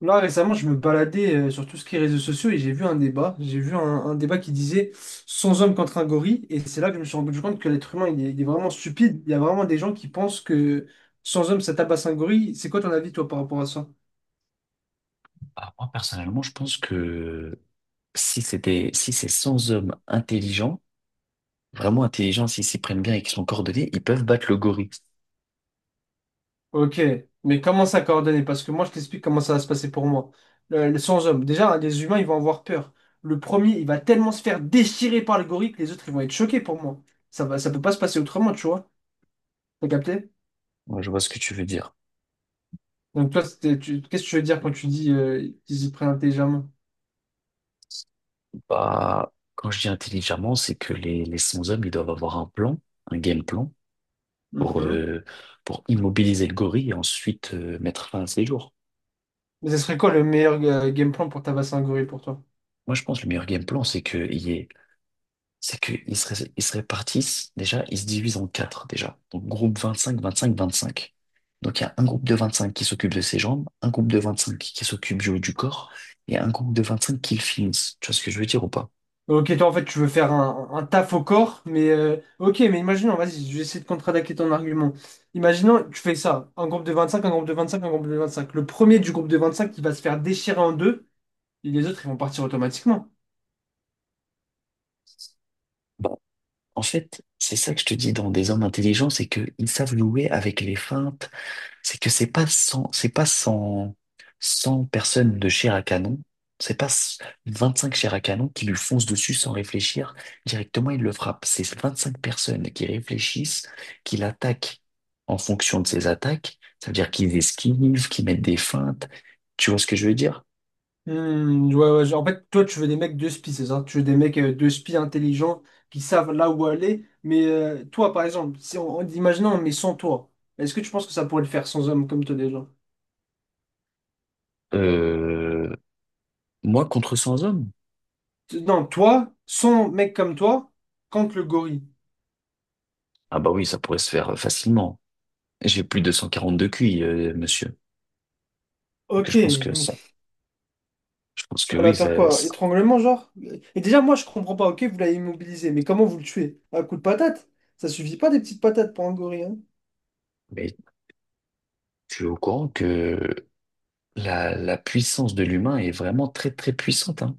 Là, récemment, je me baladais sur tout ce qui est réseaux sociaux et j'ai vu un débat. J'ai vu un débat qui disait 100 hommes contre un gorille. Et c'est là que je me suis rendu compte que l'être humain, il est vraiment stupide. Il y a vraiment des gens qui pensent que 100 hommes, ça tabasse un gorille. C'est quoi ton avis, toi, par rapport à ça? Ah, moi, personnellement, je pense que si c'est 100 hommes intelligents, vraiment intelligents, s'ils s'y prennent bien et qu'ils sont coordonnés, ils peuvent battre le gorille. Ok, mais comment ça coordonner? Parce que moi, je t'explique comment ça va se passer pour moi. Le 100 hommes. Déjà, hein, les humains, ils vont avoir peur. Le premier, il va tellement se faire déchirer par le gorille que les autres, ils vont être choqués pour moi. Ça va, ça peut pas se passer autrement, tu vois. T'as capté? Moi, je vois ce que tu veux dire. Donc toi, c'était, qu'est-ce que tu veux dire quand tu dis qu'ils s'y prennent intelligemment? Bah, quand je dis intelligemment, c'est que les 100 hommes, ils doivent avoir un plan, un game plan, pour, Mhm. euh, pour immobiliser le gorille et ensuite mettre fin à ses jours. Mais ce serait quoi le meilleur game plan pour tabasser un gorille pour toi? Moi, je pense que le meilleur game plan, c'est qu'il y ait c'est qu'ils se, ré- ils se répartissent, déjà, ils se divisent en quatre, déjà. Donc, groupe vingt-cinq, vingt-cinq, vingt-cinq. Donc, il y a un groupe de 25 qui s'occupe de ses jambes, un groupe de 25 qui s'occupe du haut du corps, et un groupe de 25 qui le finissent. Tu vois ce que je veux dire ou pas? Ok, toi en fait tu veux faire un taf au corps, mais ok, mais imaginons, vas-y, je vais essayer de contre-attaquer ton argument. Imaginons, tu fais ça, un groupe de 25, un groupe de 25, un groupe de 25. Le premier du groupe de 25 qui va se faire déchirer en deux, et les autres ils vont partir automatiquement. Bah, en fait, c'est ça que je te dis, dans des hommes intelligents, c'est qu'ils savent jouer avec les feintes. C'est que c'est pas 100 personnes de chair à canon, c'est pas c- 25 chairs à canon qui lui foncent dessus sans réfléchir, directement il le frappe. C'est 25 personnes qui réfléchissent, qui l'attaquent en fonction de ses attaques, ça veut dire qu'ils esquivent, qu'ils mettent des feintes. Tu vois ce que je veux dire? Hmm, ouais, ouais, en fait, toi, tu veux des mecs de spi, c'est ça? Tu veux des mecs de spi intelligents qui savent là où aller. Mais toi, par exemple, si imaginons, mais sans toi, est-ce que tu penses que ça pourrait le faire sans homme comme toi déjà? Euh, Moi contre 100 hommes? Non, toi, sans mec comme toi, contre le gorille. Ah bah oui, ça pourrait se faire facilement. J'ai plus de 142 QI, monsieur. Que Ok, je pense que mais ça, je pense tu que vas oui, la faire ça, quoi? ça- Étranglement, genre? Et déjà, moi, je comprends pas. Ok, vous l'avez immobilisé, mais comment vous le tuez? Un coup de patate? Ça suffit pas des petites patates pour un gorille, hein. mais tu es au courant que la puissance de l'humain est vraiment très très puissante, hein.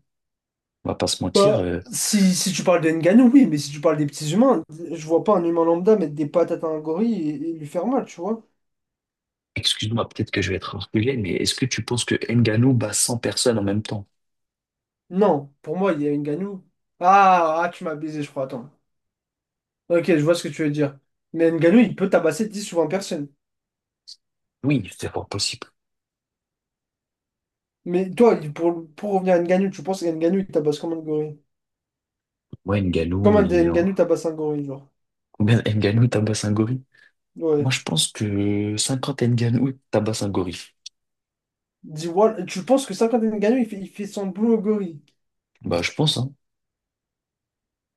On va pas se mentir. Bah, si tu parles de Ngannou, oui, mais si tu parles des petits humains, je vois pas un humain lambda mettre des patates à un gorille et lui faire mal, tu vois. Excuse-moi, peut-être que je vais être orgueilleux, mais est-ce que tu penses que Ngannou bat 100 personnes en même temps? Non, pour moi, il y a Ngannou. Ah, tu m'as baisé, je crois, attends. Ok, je vois ce que tu veux dire. Mais Ngannou, il peut tabasser 10 ou 20 personnes. Oui, c'est fort possible. Mais toi, pour revenir à Ngannou, tu penses que Ngannou, il tabasse comme un gorille? Moi, Ngannou, Comme un des il... Ngannou tabasse un gorille, genre. Combien Ngannou tabasse un gorille? Moi, Ouais. je pense que 50 Ngannou tabasse un gorille. Dis, voilà, tu penses que ça, quand Ngannou, il fait son boulot au gorille? Bah, je pense, hein.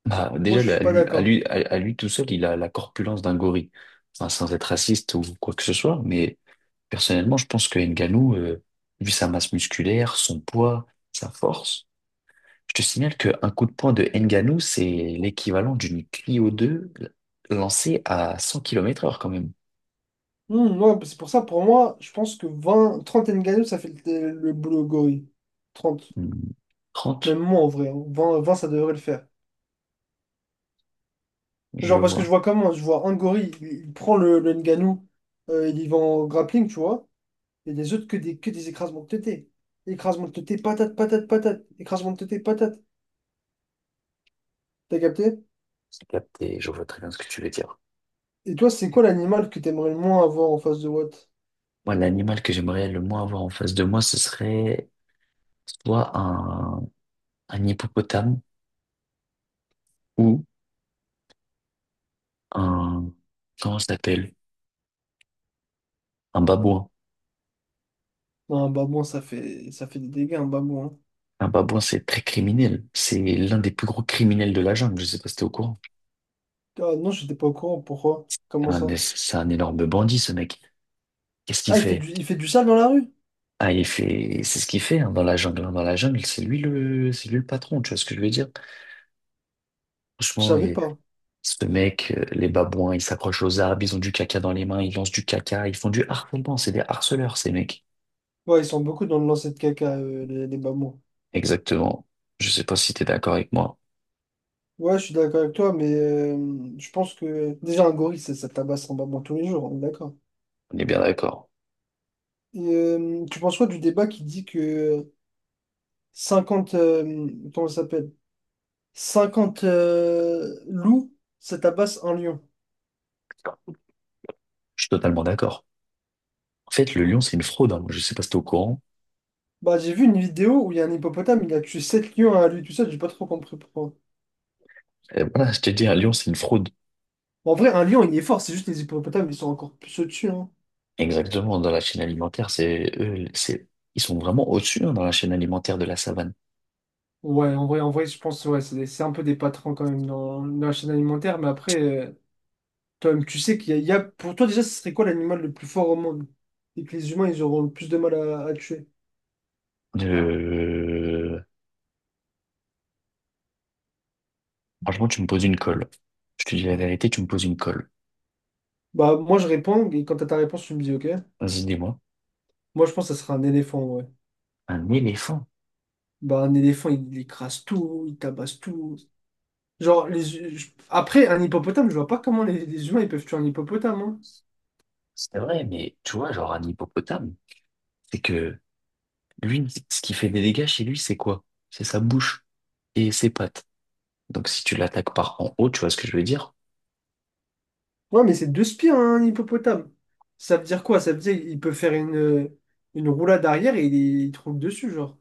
Bah, Moi, déjà, je suis à pas lui, à d'accord. lui, à à lui tout seul, il a la corpulence d'un gorille. Enfin, sans être raciste ou quoi que ce soit, mais personnellement, je pense que Ngannou, vu sa masse musculaire, son poids, sa force, je te signale qu'un coup de poing de Ngannou, c'est l'équivalent d'une Clio 2 lancée à 100 km heure quand même. Hmm, ouais, bah, c'est pour ça, pour moi, je pense que 20, 30 Ngannou, ça fait le boulot gorille. 30. Hmm, 30, Même moi, en vrai. Hein. 20 20, ça devrait le faire. je Genre, parce que je vois. vois comment, je vois un gorille, il prend le Ngannou, il y va en grappling, tu vois. Et les autres, que des écrasements de tétés. Écrasement de tétés, patate, patate, patate. Écrasement de tétés, patate. T'as capté? C'est capté, je vois très bien ce que tu veux dire. Et toi, c'est quoi l'animal que t'aimerais le moins avoir en face de Watt? Moi, l'animal que j'aimerais le moins avoir en face de moi, ce serait soit un hippopotame ou un, comment ça s'appelle? Un babouin. Non, un babouin, ça fait des dégâts, un babouin. Hein. Un babouin, c'est très criminel. C'est l'un des plus gros criminels de la jungle. Je sais pas si t'es au courant. Ah non, j'étais pas au courant. Pourquoi? Comment ça? C'est un énorme bandit, ce mec. Qu'est-ce qu'il Ah, il fait fait? du, il fait du sale dans la rue? Ah, il fait, c'est ce qu'il fait, hein, dans la jungle. Hein. Dans la jungle, c'est lui le patron. Tu vois ce que je veux dire? Je Franchement, savais il- pas. ce mec, les babouins, ils s'accrochent aux arbres, ils ont du caca dans les mains, ils lancent du caca, ils font du harcèlement. C'est des harceleurs, ces mecs. Ouais, ils sont beaucoup dans le lancer de caca, les mamans. Exactement. Je sais pas si t'es d'accord avec moi. Ouais, je suis d'accord avec toi, mais je pense que déjà un gorille, ça tabasse en maman tous les jours, on est d'accord. On est bien d'accord. Et, tu penses quoi du débat qui dit que 50 comment ça s'appelle? 50 loups, ça tabasse un lion. Je suis totalement d'accord. En fait, le lion, c'est une fraude. Hein. Je sais pas si t'es au courant. Bah, j'ai vu une vidéo où il y a un hippopotame, il a tué 7 lions à lui tout seul, j'ai pas trop compris pourquoi. Voilà, je t'ai dit, un lion, c'est une fraude. En vrai, un lion, il est fort, c'est juste les hippopotames, ils sont encore plus au-dessus. Hein. Exactement, dans la chaîne alimentaire, c'est eux, ils sont vraiment au-dessus, hein, dans la chaîne alimentaire de la savane. Ouais, en vrai, je pense ouais, c'est un peu des patrons quand même dans, la chaîne alimentaire. Mais après, toi-même, tu sais qu'pour toi, déjà, ce serait quoi l'animal le plus fort au monde? Et que les humains, ils auront le plus de mal à tuer. Euh, Franchement, tu me poses une colle. Je te dis la vérité, tu me poses une colle. Bah, moi, je réponds, et quand t'as ta réponse, tu me dis, ok. Vas-y, dis-moi. Moi, je pense que ça sera un éléphant, ouais. Un éléphant, Bah, un éléphant, il écrase tout, il tabasse tout. Genre, après, un hippopotame, je vois pas comment les humains, ils peuvent tuer un hippopotame, hein. c'est vrai, mais tu vois, genre un hippopotame, c'est que lui, ce qui fait des dégâts chez lui, c'est quoi? C'est sa bouche et ses pattes. Donc si tu l'attaques par en haut, tu vois ce que je veux dire? Ouais, mais c'est deux spires, un hippopotame. Ça veut dire quoi? Ça veut dire qu'il peut faire une roulade arrière et il te roule dessus, genre.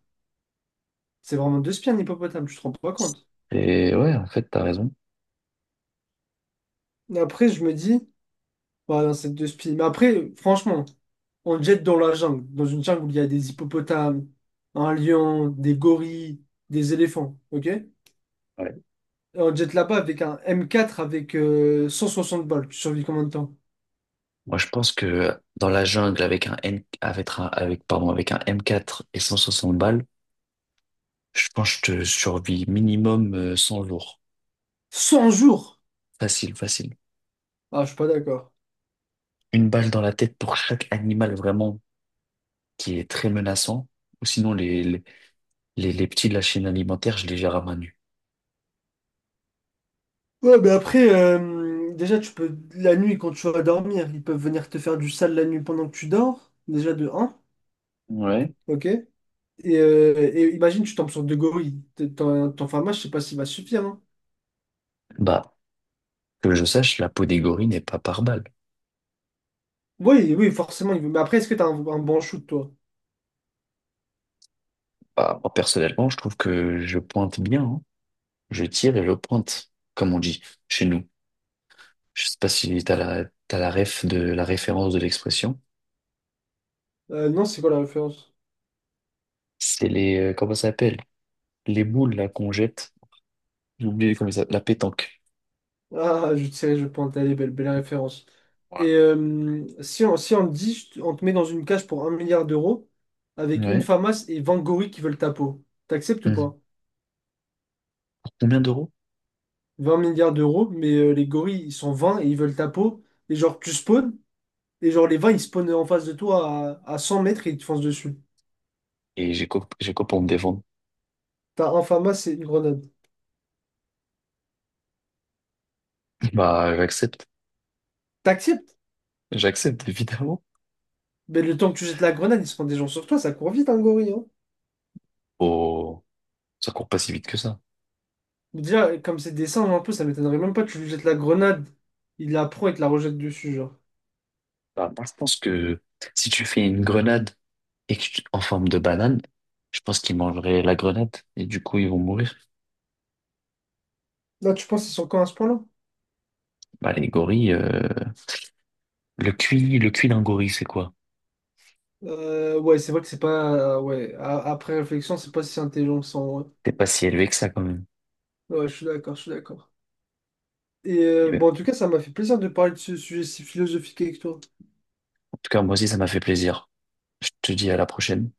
C'est vraiment deux spies, un hippopotame, tu te rends pas compte. Et ouais, en fait, t'as raison. Mais après, je me dis, bah non, c'est deux spies. Mais après, franchement, on le jette dans la jungle, dans une jungle où il y a des hippopotames, un lion, des gorilles, des éléphants, ok? Et on le jette là-bas avec un M4 avec 160 balles. Tu survis combien de temps? Moi, je pense que dans la jungle avec un N, avec un, avec, pardon, avec un M4 et 160 balles, je pense que je te survis minimum 100 jours. 100 jours! Facile, facile. Ah, je suis pas d'accord. Une balle dans la tête pour chaque animal vraiment qui est très menaçant. Ou sinon, les petits de la chaîne alimentaire, je les gère à main nue. Ouais, mais après, déjà, tu peux, la nuit, quand tu vas dormir, ils peuvent venir te faire du sale la nuit pendant que tu dors, déjà de un Ouais. ok? Et imagine, tu tombes sur deux gorilles, ton pharma, je sais pas s'il va suffire, hein. Bah, que je sache, la peau des gorilles n'est pas par balle. Oui, oui, forcément, il veut. Mais après, est-ce que t'as un bon shoot, toi? Bah, moi, personnellement, je trouve que je pointe bien, hein. Je tire et je pointe, comme on dit chez nous. Je sais pas si t'as la ref de la référence de l'expression. Non, c'est quoi la référence? C'est les, comment ça s'appelle? Les boules là qu'on jette. J'ai oublié comment ça, la pétanque. Ah, je sais, je pointe, elle est belle, belle référence. Et Voilà. Si on, te dit, on te met dans une cage pour un milliard d'euros, avec une Ouais. famas et 20 gorilles qui veulent ta peau, t'acceptes ou Mhm. pas? Pour combien d'euros? 20 milliards d'euros, mais les gorilles, ils sont 20 et ils veulent ta peau. Et genre, tu spawns, et genre, les 20, ils spawnent en face de toi à 100 mètres et ils te foncent dessus. Et j'ai quoi pour me défendre? T'as un Fama, c'est une grenade. Bah, j'accepte. T'acceptes, J'accepte, évidemment. mais le temps que tu jettes la grenade, ils se prennent des gens sur toi, ça court vite, un gorille. Hein. Oh, ça court pas si vite que ça. Déjà, comme c'est des singes un peu, ça m'étonnerait même pas que tu lui jettes la grenade, il la prend et te la rejette dessus, genre. Bah, moi, je pense que si tu fais une grenade et que tu- en forme de banane, je pense qu'ils mangeraient la grenade et du coup, ils vont mourir. Là, tu penses qu'ils sont quand à ce point-là? Bah, les gorilles, le cuit d'un gorille, c'est quoi? Ouais, c'est vrai que c'est pas. Ouais, après réflexion, c'est pas si intelligent que ça, en vrai. C'est pas si élevé que ça, quand même. Ouais, je suis d'accord, je suis d'accord. Et Eh ben, bon, en tout cas, ça m'a fait plaisir de parler de ce sujet si philosophique avec toi. en tout cas, moi aussi, ça m'a fait plaisir. Je te dis à la prochaine.